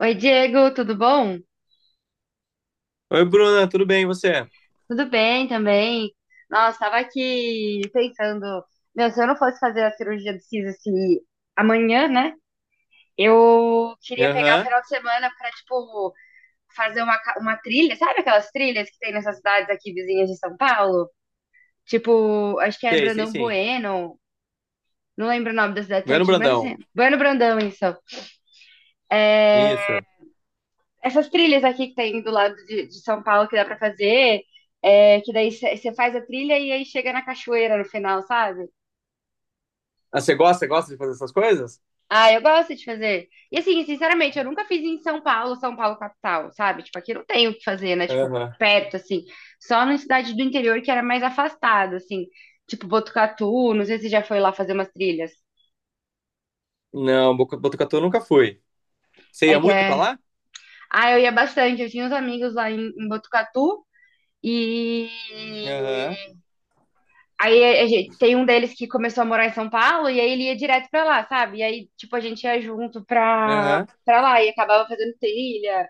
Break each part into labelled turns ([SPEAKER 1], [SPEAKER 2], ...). [SPEAKER 1] Oi, Diego, tudo bom?
[SPEAKER 2] Oi, Bruna, tudo bem, e você?
[SPEAKER 1] Tudo bem também. Nossa, estava aqui pensando, meu, se eu não fosse fazer a cirurgia do siso assim, amanhã, né? Eu queria pegar o
[SPEAKER 2] Aham,
[SPEAKER 1] final de semana para, tipo, fazer uma trilha, sabe aquelas trilhas que tem nessas cidades aqui vizinhas de São Paulo? Tipo, acho que é
[SPEAKER 2] sei, sei
[SPEAKER 1] Brandão
[SPEAKER 2] sim.
[SPEAKER 1] Bueno, não lembro o nome da cidade
[SPEAKER 2] Vendo,
[SPEAKER 1] certinho, mas
[SPEAKER 2] Brandão.
[SPEAKER 1] assim, Bueno Brandão, isso.
[SPEAKER 2] Isso.
[SPEAKER 1] Essas trilhas aqui que tem do lado de São Paulo que dá pra fazer, é, que daí você faz a trilha e aí chega na cachoeira no final, sabe?
[SPEAKER 2] Ah, você gosta de fazer essas coisas?
[SPEAKER 1] Ah, eu gosto de fazer. E assim, sinceramente, eu nunca fiz em São Paulo, São Paulo capital, sabe? Tipo, aqui não tem o que fazer, né? Tipo,
[SPEAKER 2] Aham.
[SPEAKER 1] perto, assim. Só na cidade do interior que era mais afastado, assim. Tipo, Botucatu, não sei se já foi lá fazer umas trilhas.
[SPEAKER 2] Não, Botucatu eu nunca fui. Você
[SPEAKER 1] É
[SPEAKER 2] ia
[SPEAKER 1] que
[SPEAKER 2] muito pra
[SPEAKER 1] é.
[SPEAKER 2] lá?
[SPEAKER 1] Ah, eu ia bastante, eu tinha uns amigos lá em Botucatu e
[SPEAKER 2] Aham,
[SPEAKER 1] Tem um deles que começou a morar em São Paulo e aí ele ia direto pra lá, sabe? E aí, tipo, a gente ia junto pra,
[SPEAKER 2] aham.
[SPEAKER 1] pra lá e acabava fazendo trilha.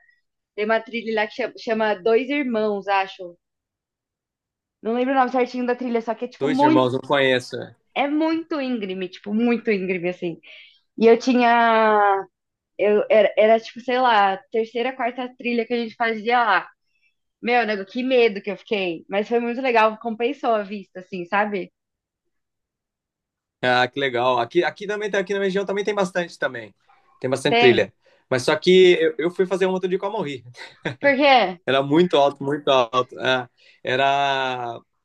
[SPEAKER 1] Tem uma trilha lá que chama Dois Irmãos, acho. Não lembro o nome certinho da trilha, só que é, tipo,
[SPEAKER 2] Dois
[SPEAKER 1] muito.
[SPEAKER 2] irmãos, não conheço.
[SPEAKER 1] É muito íngreme, tipo, muito íngreme, assim. E eu tinha. Era, tipo, sei lá, terceira, quarta trilha que a gente fazia lá. Meu, nego, que medo que eu fiquei. Mas foi muito legal, compensou a vista, assim, sabe?
[SPEAKER 2] Ah, que legal. Aqui também, aqui na região também. Tem bastante
[SPEAKER 1] Tem?
[SPEAKER 2] trilha. Mas só que eu fui fazer um outro dia com a.
[SPEAKER 1] Por quê?
[SPEAKER 2] Era muito alto, muito alto. É. Era,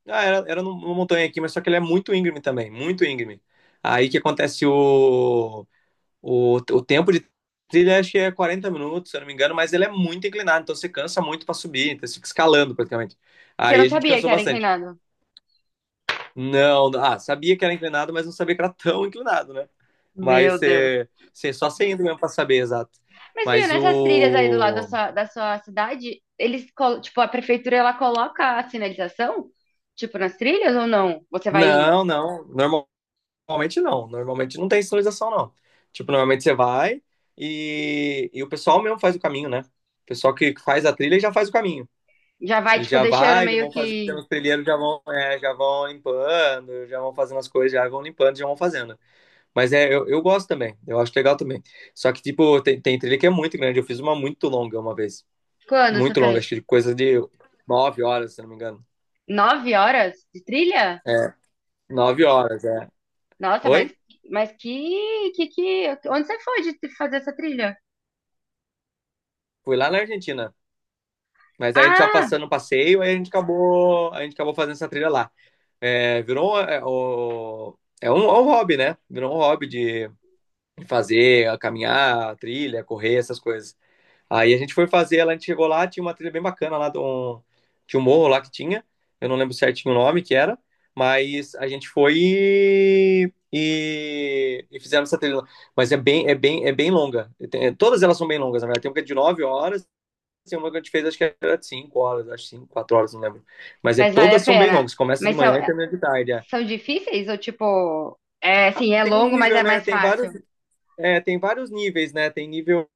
[SPEAKER 2] era numa montanha aqui, mas só que ele é muito íngreme também, muito íngreme. Aí que acontece o tempo de trilha, acho que é 40 minutos, se eu não me engano, mas ele é muito inclinado, então você cansa muito para subir, então você fica escalando praticamente.
[SPEAKER 1] E você
[SPEAKER 2] Aí
[SPEAKER 1] não
[SPEAKER 2] a gente
[SPEAKER 1] sabia que
[SPEAKER 2] cansou
[SPEAKER 1] era
[SPEAKER 2] bastante.
[SPEAKER 1] inclinado?
[SPEAKER 2] Não, ah, sabia que era inclinado, mas não sabia que era tão inclinado, né?
[SPEAKER 1] Meu
[SPEAKER 2] Mas
[SPEAKER 1] Deus.
[SPEAKER 2] você só você indo mesmo para saber, exato.
[SPEAKER 1] Mas viu,
[SPEAKER 2] Mas
[SPEAKER 1] nessas trilhas aí do lado da
[SPEAKER 2] o.
[SPEAKER 1] sua, da sua cidade, tipo, a prefeitura ela coloca a sinalização, tipo, nas trilhas ou não?
[SPEAKER 2] Não, não. Normal. Normalmente não tem sinalização, não. Tipo, normalmente você vai e o pessoal mesmo faz o caminho, né? O pessoal que faz a trilha já faz o caminho.
[SPEAKER 1] Já vai,
[SPEAKER 2] Eles
[SPEAKER 1] tipo,
[SPEAKER 2] já
[SPEAKER 1] deixando
[SPEAKER 2] vai, já
[SPEAKER 1] meio
[SPEAKER 2] vão fazendo
[SPEAKER 1] que.
[SPEAKER 2] os trilheiros, já vão, já vão limpando, já vão fazendo as coisas, já vão limpando, já vão fazendo. Mas é, eu gosto também, eu acho legal também. Só que, tipo, tem trilha que é muito grande. Eu fiz uma muito longa uma vez.
[SPEAKER 1] Quando você
[SPEAKER 2] Muito longa, acho
[SPEAKER 1] fez?
[SPEAKER 2] que coisa de 9 horas, se não me engano.
[SPEAKER 1] 9 horas de trilha?
[SPEAKER 2] É, 9 horas, é.
[SPEAKER 1] Nossa, mas,
[SPEAKER 2] Oi?
[SPEAKER 1] mas onde você foi fazer essa trilha?
[SPEAKER 2] Fui lá na Argentina. Mas aí a gente já
[SPEAKER 1] Ah,
[SPEAKER 2] passando o passeio, aí a gente acabou fazendo essa trilha lá. É, virou um hobby, né? Virou um hobby de fazer, caminhar, trilha, correr, essas coisas. Aí a gente foi fazer, ela, a gente chegou lá, tinha uma trilha bem bacana lá, de um, tinha um morro lá que tinha, eu não lembro certinho o nome que era, mas a gente foi e fizemos essa trilha lá. Mas é bem longa. Todas elas são bem longas, na verdade. Tem uma que é de 9 horas, tem uma que a gente fez, acho que era de 5 horas, acho 5 4 horas, não lembro. Mas é,
[SPEAKER 1] mas vale a
[SPEAKER 2] todas são bem
[SPEAKER 1] pena.
[SPEAKER 2] longas, começa de
[SPEAKER 1] Mas são,
[SPEAKER 2] manhã e termina de tarde. É.
[SPEAKER 1] são difíceis ou tipo, é assim, é
[SPEAKER 2] Tem um
[SPEAKER 1] longo, mas
[SPEAKER 2] nível,
[SPEAKER 1] é
[SPEAKER 2] né?
[SPEAKER 1] mais
[SPEAKER 2] Tem vários,
[SPEAKER 1] fácil?
[SPEAKER 2] é, tem vários níveis, né? Tem nível,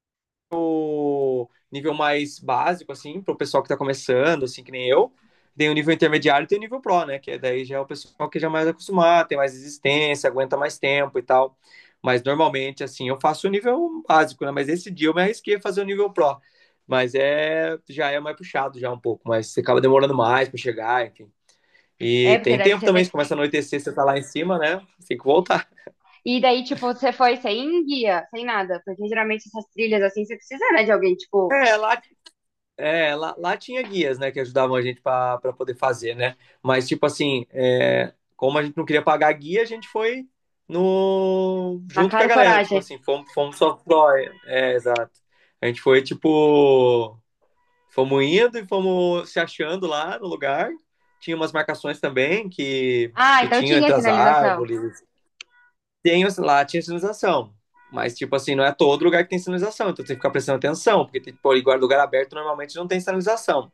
[SPEAKER 2] nível mais básico, assim, para o pessoal que está começando, assim, que nem eu. Tem o nível intermediário e tem o nível pro, né? Daí já é o pessoal que já é mais acostumado, tem mais resistência, aguenta mais tempo e tal. Mas normalmente, assim, eu faço o nível básico, né? Mas esse dia eu me arrisquei a fazer o nível pro. Mas é, já é mais puxado já um pouco, mas você acaba demorando mais para chegar, enfim.
[SPEAKER 1] É,
[SPEAKER 2] E
[SPEAKER 1] porque
[SPEAKER 2] tem
[SPEAKER 1] deve
[SPEAKER 2] tempo
[SPEAKER 1] ser,
[SPEAKER 2] também,
[SPEAKER 1] tem.
[SPEAKER 2] se começa a anoitecer, você tá lá em cima, né? Tem que voltar.
[SPEAKER 1] E daí, tipo, você foi sem guia, sem nada. Porque geralmente essas trilhas assim, você precisa, né, de alguém, tipo,
[SPEAKER 2] É, lá, lá tinha guias, né, que ajudavam a gente pra poder fazer, né? Mas, tipo assim, como a gente não queria pagar guia, a gente foi no
[SPEAKER 1] na
[SPEAKER 2] junto com a
[SPEAKER 1] cara e
[SPEAKER 2] galera, tipo
[SPEAKER 1] coragem.
[SPEAKER 2] assim, fomos só pró, exato. A gente foi, tipo, fomos indo e fomos se achando lá no lugar. Tinha umas marcações também que,
[SPEAKER 1] Ah,
[SPEAKER 2] que
[SPEAKER 1] então
[SPEAKER 2] tinham
[SPEAKER 1] tinha
[SPEAKER 2] entre as
[SPEAKER 1] sinalização.
[SPEAKER 2] árvores. Tem, lá tinha sinalização. Mas, tipo assim, não é todo lugar que tem sinalização, então tem que ficar prestando atenção, porque tipo pô, igual lugar aberto normalmente não tem sinalização.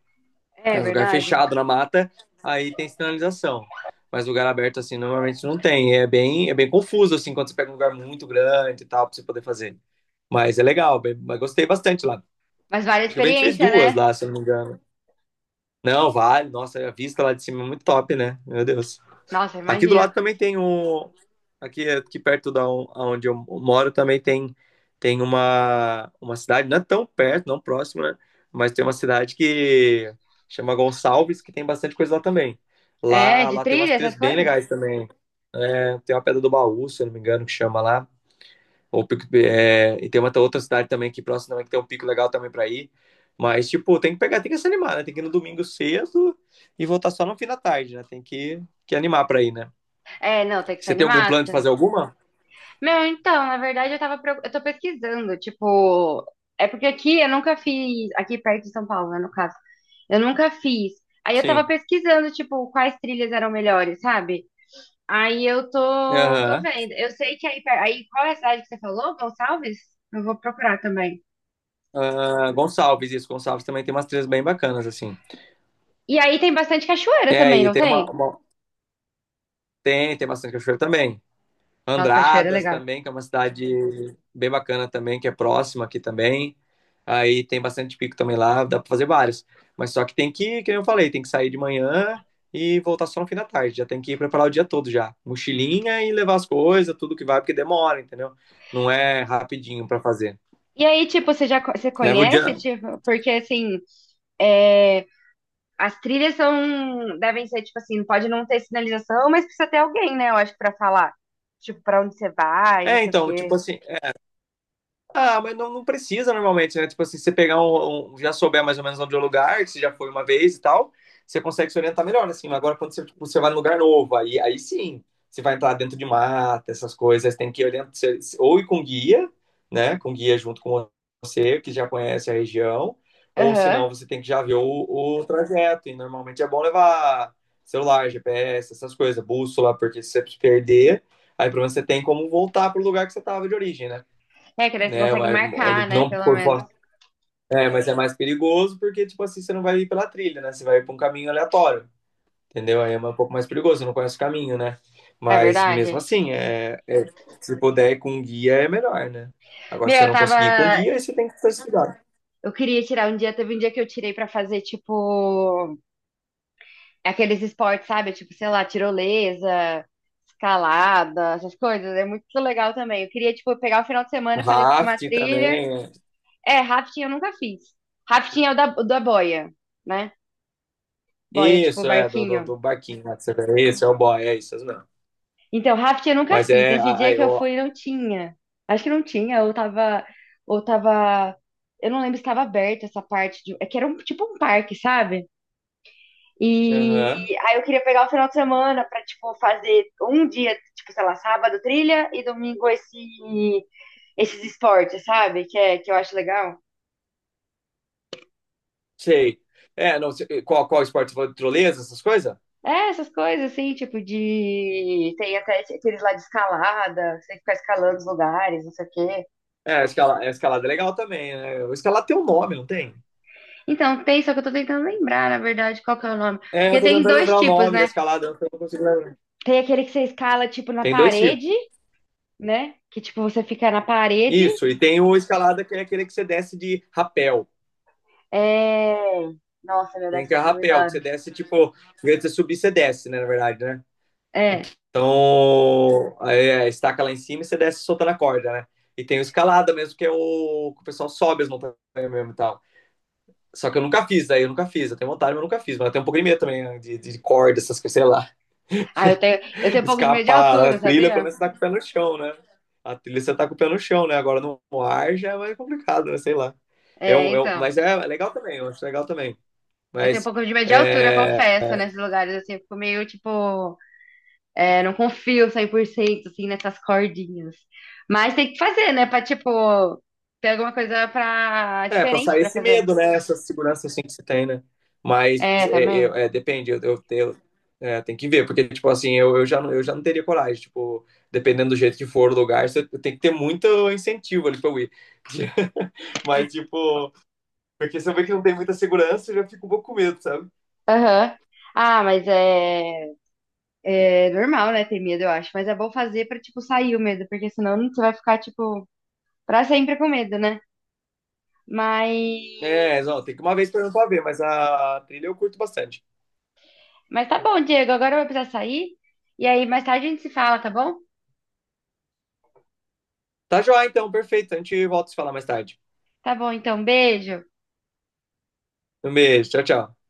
[SPEAKER 1] É
[SPEAKER 2] É um lugar
[SPEAKER 1] verdade.
[SPEAKER 2] fechado na mata, aí tem sinalização. Mas lugar aberto, assim, normalmente não tem. É bem confuso, assim, quando você pega um lugar muito grande e tal, pra você poder fazer. Mas é legal, mas gostei bastante lá.
[SPEAKER 1] Mas vale a
[SPEAKER 2] Acho que a gente fez
[SPEAKER 1] experiência,
[SPEAKER 2] duas
[SPEAKER 1] né?
[SPEAKER 2] lá, se eu não me engano. Não, vale. Nossa, a vista lá de cima é muito top, né? Meu Deus.
[SPEAKER 1] Nossa,
[SPEAKER 2] Aqui do
[SPEAKER 1] imagino.
[SPEAKER 2] lado também tem um. É aqui perto da onde eu moro também tem uma cidade, não é tão perto, não próximo, né? Mas tem uma cidade que chama Gonçalves, que tem bastante coisa lá também.
[SPEAKER 1] É,
[SPEAKER 2] Lá,
[SPEAKER 1] de
[SPEAKER 2] lá tem umas
[SPEAKER 1] trilha,
[SPEAKER 2] trilhas
[SPEAKER 1] essas
[SPEAKER 2] bem
[SPEAKER 1] coisas?
[SPEAKER 2] legais também. É, tem uma Pedra do Baú, se eu não me engano, que chama lá. E tem uma outra cidade também aqui próxima também, que tem um pico legal também pra ir. Mas, tipo, tem que pegar, tem que se animar, né? Tem que ir no domingo cedo e voltar só no fim da tarde, né? Tem que animar pra ir, né?
[SPEAKER 1] É, não, tem que ser
[SPEAKER 2] Você tem algum
[SPEAKER 1] animada.
[SPEAKER 2] plano de fazer alguma?
[SPEAKER 1] Meu, então, na verdade, eu tô pesquisando, tipo, é porque aqui eu nunca fiz, aqui perto de São Paulo, né, no caso, eu nunca fiz. Aí eu tava
[SPEAKER 2] Sim.
[SPEAKER 1] pesquisando, tipo, quais trilhas eram melhores, sabe? Aí eu tô
[SPEAKER 2] Aham.
[SPEAKER 1] vendo. Eu sei que aí qual é a cidade que você falou? Gonçalves? Eu vou procurar também.
[SPEAKER 2] Ah, Gonçalves, isso. Gonçalves também tem umas trilhas bem bacanas, assim.
[SPEAKER 1] E aí tem bastante cachoeira
[SPEAKER 2] É,
[SPEAKER 1] também,
[SPEAKER 2] e
[SPEAKER 1] não
[SPEAKER 2] tem uma,
[SPEAKER 1] tem?
[SPEAKER 2] uma- Tem bastante cachoeira também.
[SPEAKER 1] Nossa, cachoeira é
[SPEAKER 2] Andradas
[SPEAKER 1] legal.
[SPEAKER 2] também, que é uma cidade bem bacana também, que é próxima aqui também. Aí tem bastante pico também lá, dá pra fazer vários. Mas só que tem que, como eu falei, tem que sair de manhã e voltar só no fim da tarde. Já tem que ir preparar o dia todo já. Mochilinha e levar as coisas, tudo que vai, porque demora, entendeu? Não é rapidinho pra fazer.
[SPEAKER 1] E aí, tipo, você
[SPEAKER 2] Leva o
[SPEAKER 1] conhece,
[SPEAKER 2] dia.
[SPEAKER 1] tipo, porque assim, é, as trilhas são, devem ser, tipo assim, pode não ter sinalização, mas precisa ter alguém, né, eu acho, pra falar. Tipo, pra onde você vai, não
[SPEAKER 2] É,
[SPEAKER 1] sei o
[SPEAKER 2] então, tipo
[SPEAKER 1] quê.
[SPEAKER 2] assim. Ah, mas não, não precisa normalmente, né? Tipo assim, se você pegar já souber mais ou menos onde é o lugar, que você já foi uma vez e tal, você consegue se orientar melhor, né, assim. Mas agora, quando você, tipo, você vai num lugar novo, aí sim, você vai entrar dentro de mata, essas coisas, tem que orientar, ou ir com guia, né? Com guia junto com você, que já conhece a região, ou
[SPEAKER 1] Aham.
[SPEAKER 2] senão você tem que já ver o trajeto, e normalmente é bom levar celular, GPS, essas coisas, bússola, porque se você se perder, aí pelo menos você tem como voltar pro lugar que você estava de origem, né?
[SPEAKER 1] É, que daí você
[SPEAKER 2] Né,
[SPEAKER 1] consegue
[SPEAKER 2] mas
[SPEAKER 1] marcar, né,
[SPEAKER 2] não
[SPEAKER 1] pelo
[SPEAKER 2] por
[SPEAKER 1] menos.
[SPEAKER 2] fora. É, mas é mais perigoso porque, tipo assim, você não vai ir pela trilha, né? Você vai ir por um caminho aleatório, entendeu? Aí é um pouco mais perigoso, você não conhece o caminho, né?
[SPEAKER 1] É
[SPEAKER 2] Mas mesmo
[SPEAKER 1] verdade.
[SPEAKER 2] assim, se puder ir com guia é melhor, né? Agora,
[SPEAKER 1] Meu,
[SPEAKER 2] se você
[SPEAKER 1] eu
[SPEAKER 2] não conseguir ir com
[SPEAKER 1] tava.
[SPEAKER 2] guia, aí você tem que ter esse cuidado.
[SPEAKER 1] Eu queria tirar um dia, teve um dia que eu tirei pra fazer, tipo, aqueles esportes, sabe? Tipo, sei lá, tirolesa, escalada, essas coisas. É muito legal também. Eu queria, tipo, pegar o final de semana, fazer, tipo, uma
[SPEAKER 2] Raft
[SPEAKER 1] trilha.
[SPEAKER 2] também.
[SPEAKER 1] É, rafting eu nunca fiz. Rafting é o da boia, né? Boia, tipo,
[SPEAKER 2] Isso, é,
[SPEAKER 1] barquinho.
[SPEAKER 2] do barquinho lá que você vê. Esse é o boy, é isso, não.
[SPEAKER 1] Então, rafting eu nunca
[SPEAKER 2] Mas
[SPEAKER 1] fiz.
[SPEAKER 2] é.
[SPEAKER 1] Nesse dia
[SPEAKER 2] Aí,
[SPEAKER 1] que eu
[SPEAKER 2] ó.
[SPEAKER 1] fui, não tinha. Acho que não tinha, ou tava, ou tava, eu não lembro se tava aberta essa parte de, é que era um, tipo um parque, sabe?
[SPEAKER 2] Aham,
[SPEAKER 1] E aí eu queria pegar o final de semana pra, tipo, fazer um dia, tipo, sei lá, sábado trilha e domingo esses esportes, sabe? Que eu acho legal.
[SPEAKER 2] sei. É, não, qual esporte? Você falou de tirolesa, essas coisas?
[SPEAKER 1] É, essas coisas, assim, tipo, de. Tem até aqueles lá de escalada, você tem que ficar escalando os lugares, não sei o quê.
[SPEAKER 2] É, a escalada é legal também, né? O escalada tem um nome, não tem?
[SPEAKER 1] Então, tem, só que eu tô tentando lembrar, na verdade, qual que é o nome.
[SPEAKER 2] É,
[SPEAKER 1] Porque
[SPEAKER 2] eu tô
[SPEAKER 1] tem
[SPEAKER 2] tentando
[SPEAKER 1] dois
[SPEAKER 2] lembrar o
[SPEAKER 1] tipos,
[SPEAKER 2] nome da
[SPEAKER 1] né?
[SPEAKER 2] escalada, eu não consigo lembrar.
[SPEAKER 1] Tem aquele que você escala, tipo, na
[SPEAKER 2] Tem dois
[SPEAKER 1] parede,
[SPEAKER 2] tipos.
[SPEAKER 1] né? Que, tipo, você fica na parede.
[SPEAKER 2] Isso, e tem o escalada que é aquele que você desce de rapel.
[SPEAKER 1] É. Nossa, meu, deve
[SPEAKER 2] Tem que é
[SPEAKER 1] ser muito da
[SPEAKER 2] rapel, que
[SPEAKER 1] hora.
[SPEAKER 2] você desce, tipo, em vez de você subir, você desce, né, na verdade, né?
[SPEAKER 1] É.
[SPEAKER 2] Então, aí, estaca lá em cima e você desce soltando a corda, né? E tem o escalada mesmo, que é o que o pessoal sobe as montanhas mesmo e tal. Só que eu nunca fiz, aí eu nunca fiz. Eu tenho vontade, mas eu nunca fiz. Mas eu tenho um pouco de medo também, né, de corda, essas coisas, sei lá.
[SPEAKER 1] Ah, eu tenho um pouco de medo de
[SPEAKER 2] Escapar, né?
[SPEAKER 1] altura,
[SPEAKER 2] A trilha, pelo
[SPEAKER 1] sabia?
[SPEAKER 2] menos você tá com o pé no chão, né? A trilha você tá com o pé no chão, né? Agora no ar já é mais complicado, né? Sei lá.
[SPEAKER 1] É, então.
[SPEAKER 2] Mas é legal também, eu acho legal também.
[SPEAKER 1] Eu tenho um
[SPEAKER 2] Mas
[SPEAKER 1] pouco de medo de altura,
[SPEAKER 2] é,
[SPEAKER 1] confesso, nesses lugares, assim, eu fico meio, tipo, é, não confio 100% assim, nessas cordinhas. Mas tem que fazer, né, pra, tipo, ter alguma coisa pra,
[SPEAKER 2] é
[SPEAKER 1] diferente
[SPEAKER 2] passar
[SPEAKER 1] pra
[SPEAKER 2] esse
[SPEAKER 1] fazer.
[SPEAKER 2] medo, né? Essa segurança assim que você tem, né? Mas
[SPEAKER 1] É,
[SPEAKER 2] é,
[SPEAKER 1] também.
[SPEAKER 2] eu- é, depende, eu, eu, eu- tem que ver, porque, tipo assim, eu já não teria coragem, tipo, dependendo do jeito que for o lugar, você tem que ter muito incentivo ali pra eu ir. Mas, tipo, porque se eu ver que não tem muita segurança, eu já fico um pouco com medo, sabe?
[SPEAKER 1] Aham. Ah, mas é normal, né, ter medo, eu acho. Mas é bom fazer pra, tipo, sair o medo, porque senão você vai ficar, tipo, pra sempre com medo, né? Mas...
[SPEAKER 2] É, não, tem que uma vez por ano pra ver, mas a trilha eu curto bastante.
[SPEAKER 1] Mas tá bom, Diego, agora eu vou precisar sair. E aí, mais tarde a gente se fala, tá bom?
[SPEAKER 2] Tá joia, então, perfeito. A gente volta a se falar mais tarde.
[SPEAKER 1] Tá bom, então, beijo.
[SPEAKER 2] Um beijo, tchau, tchau.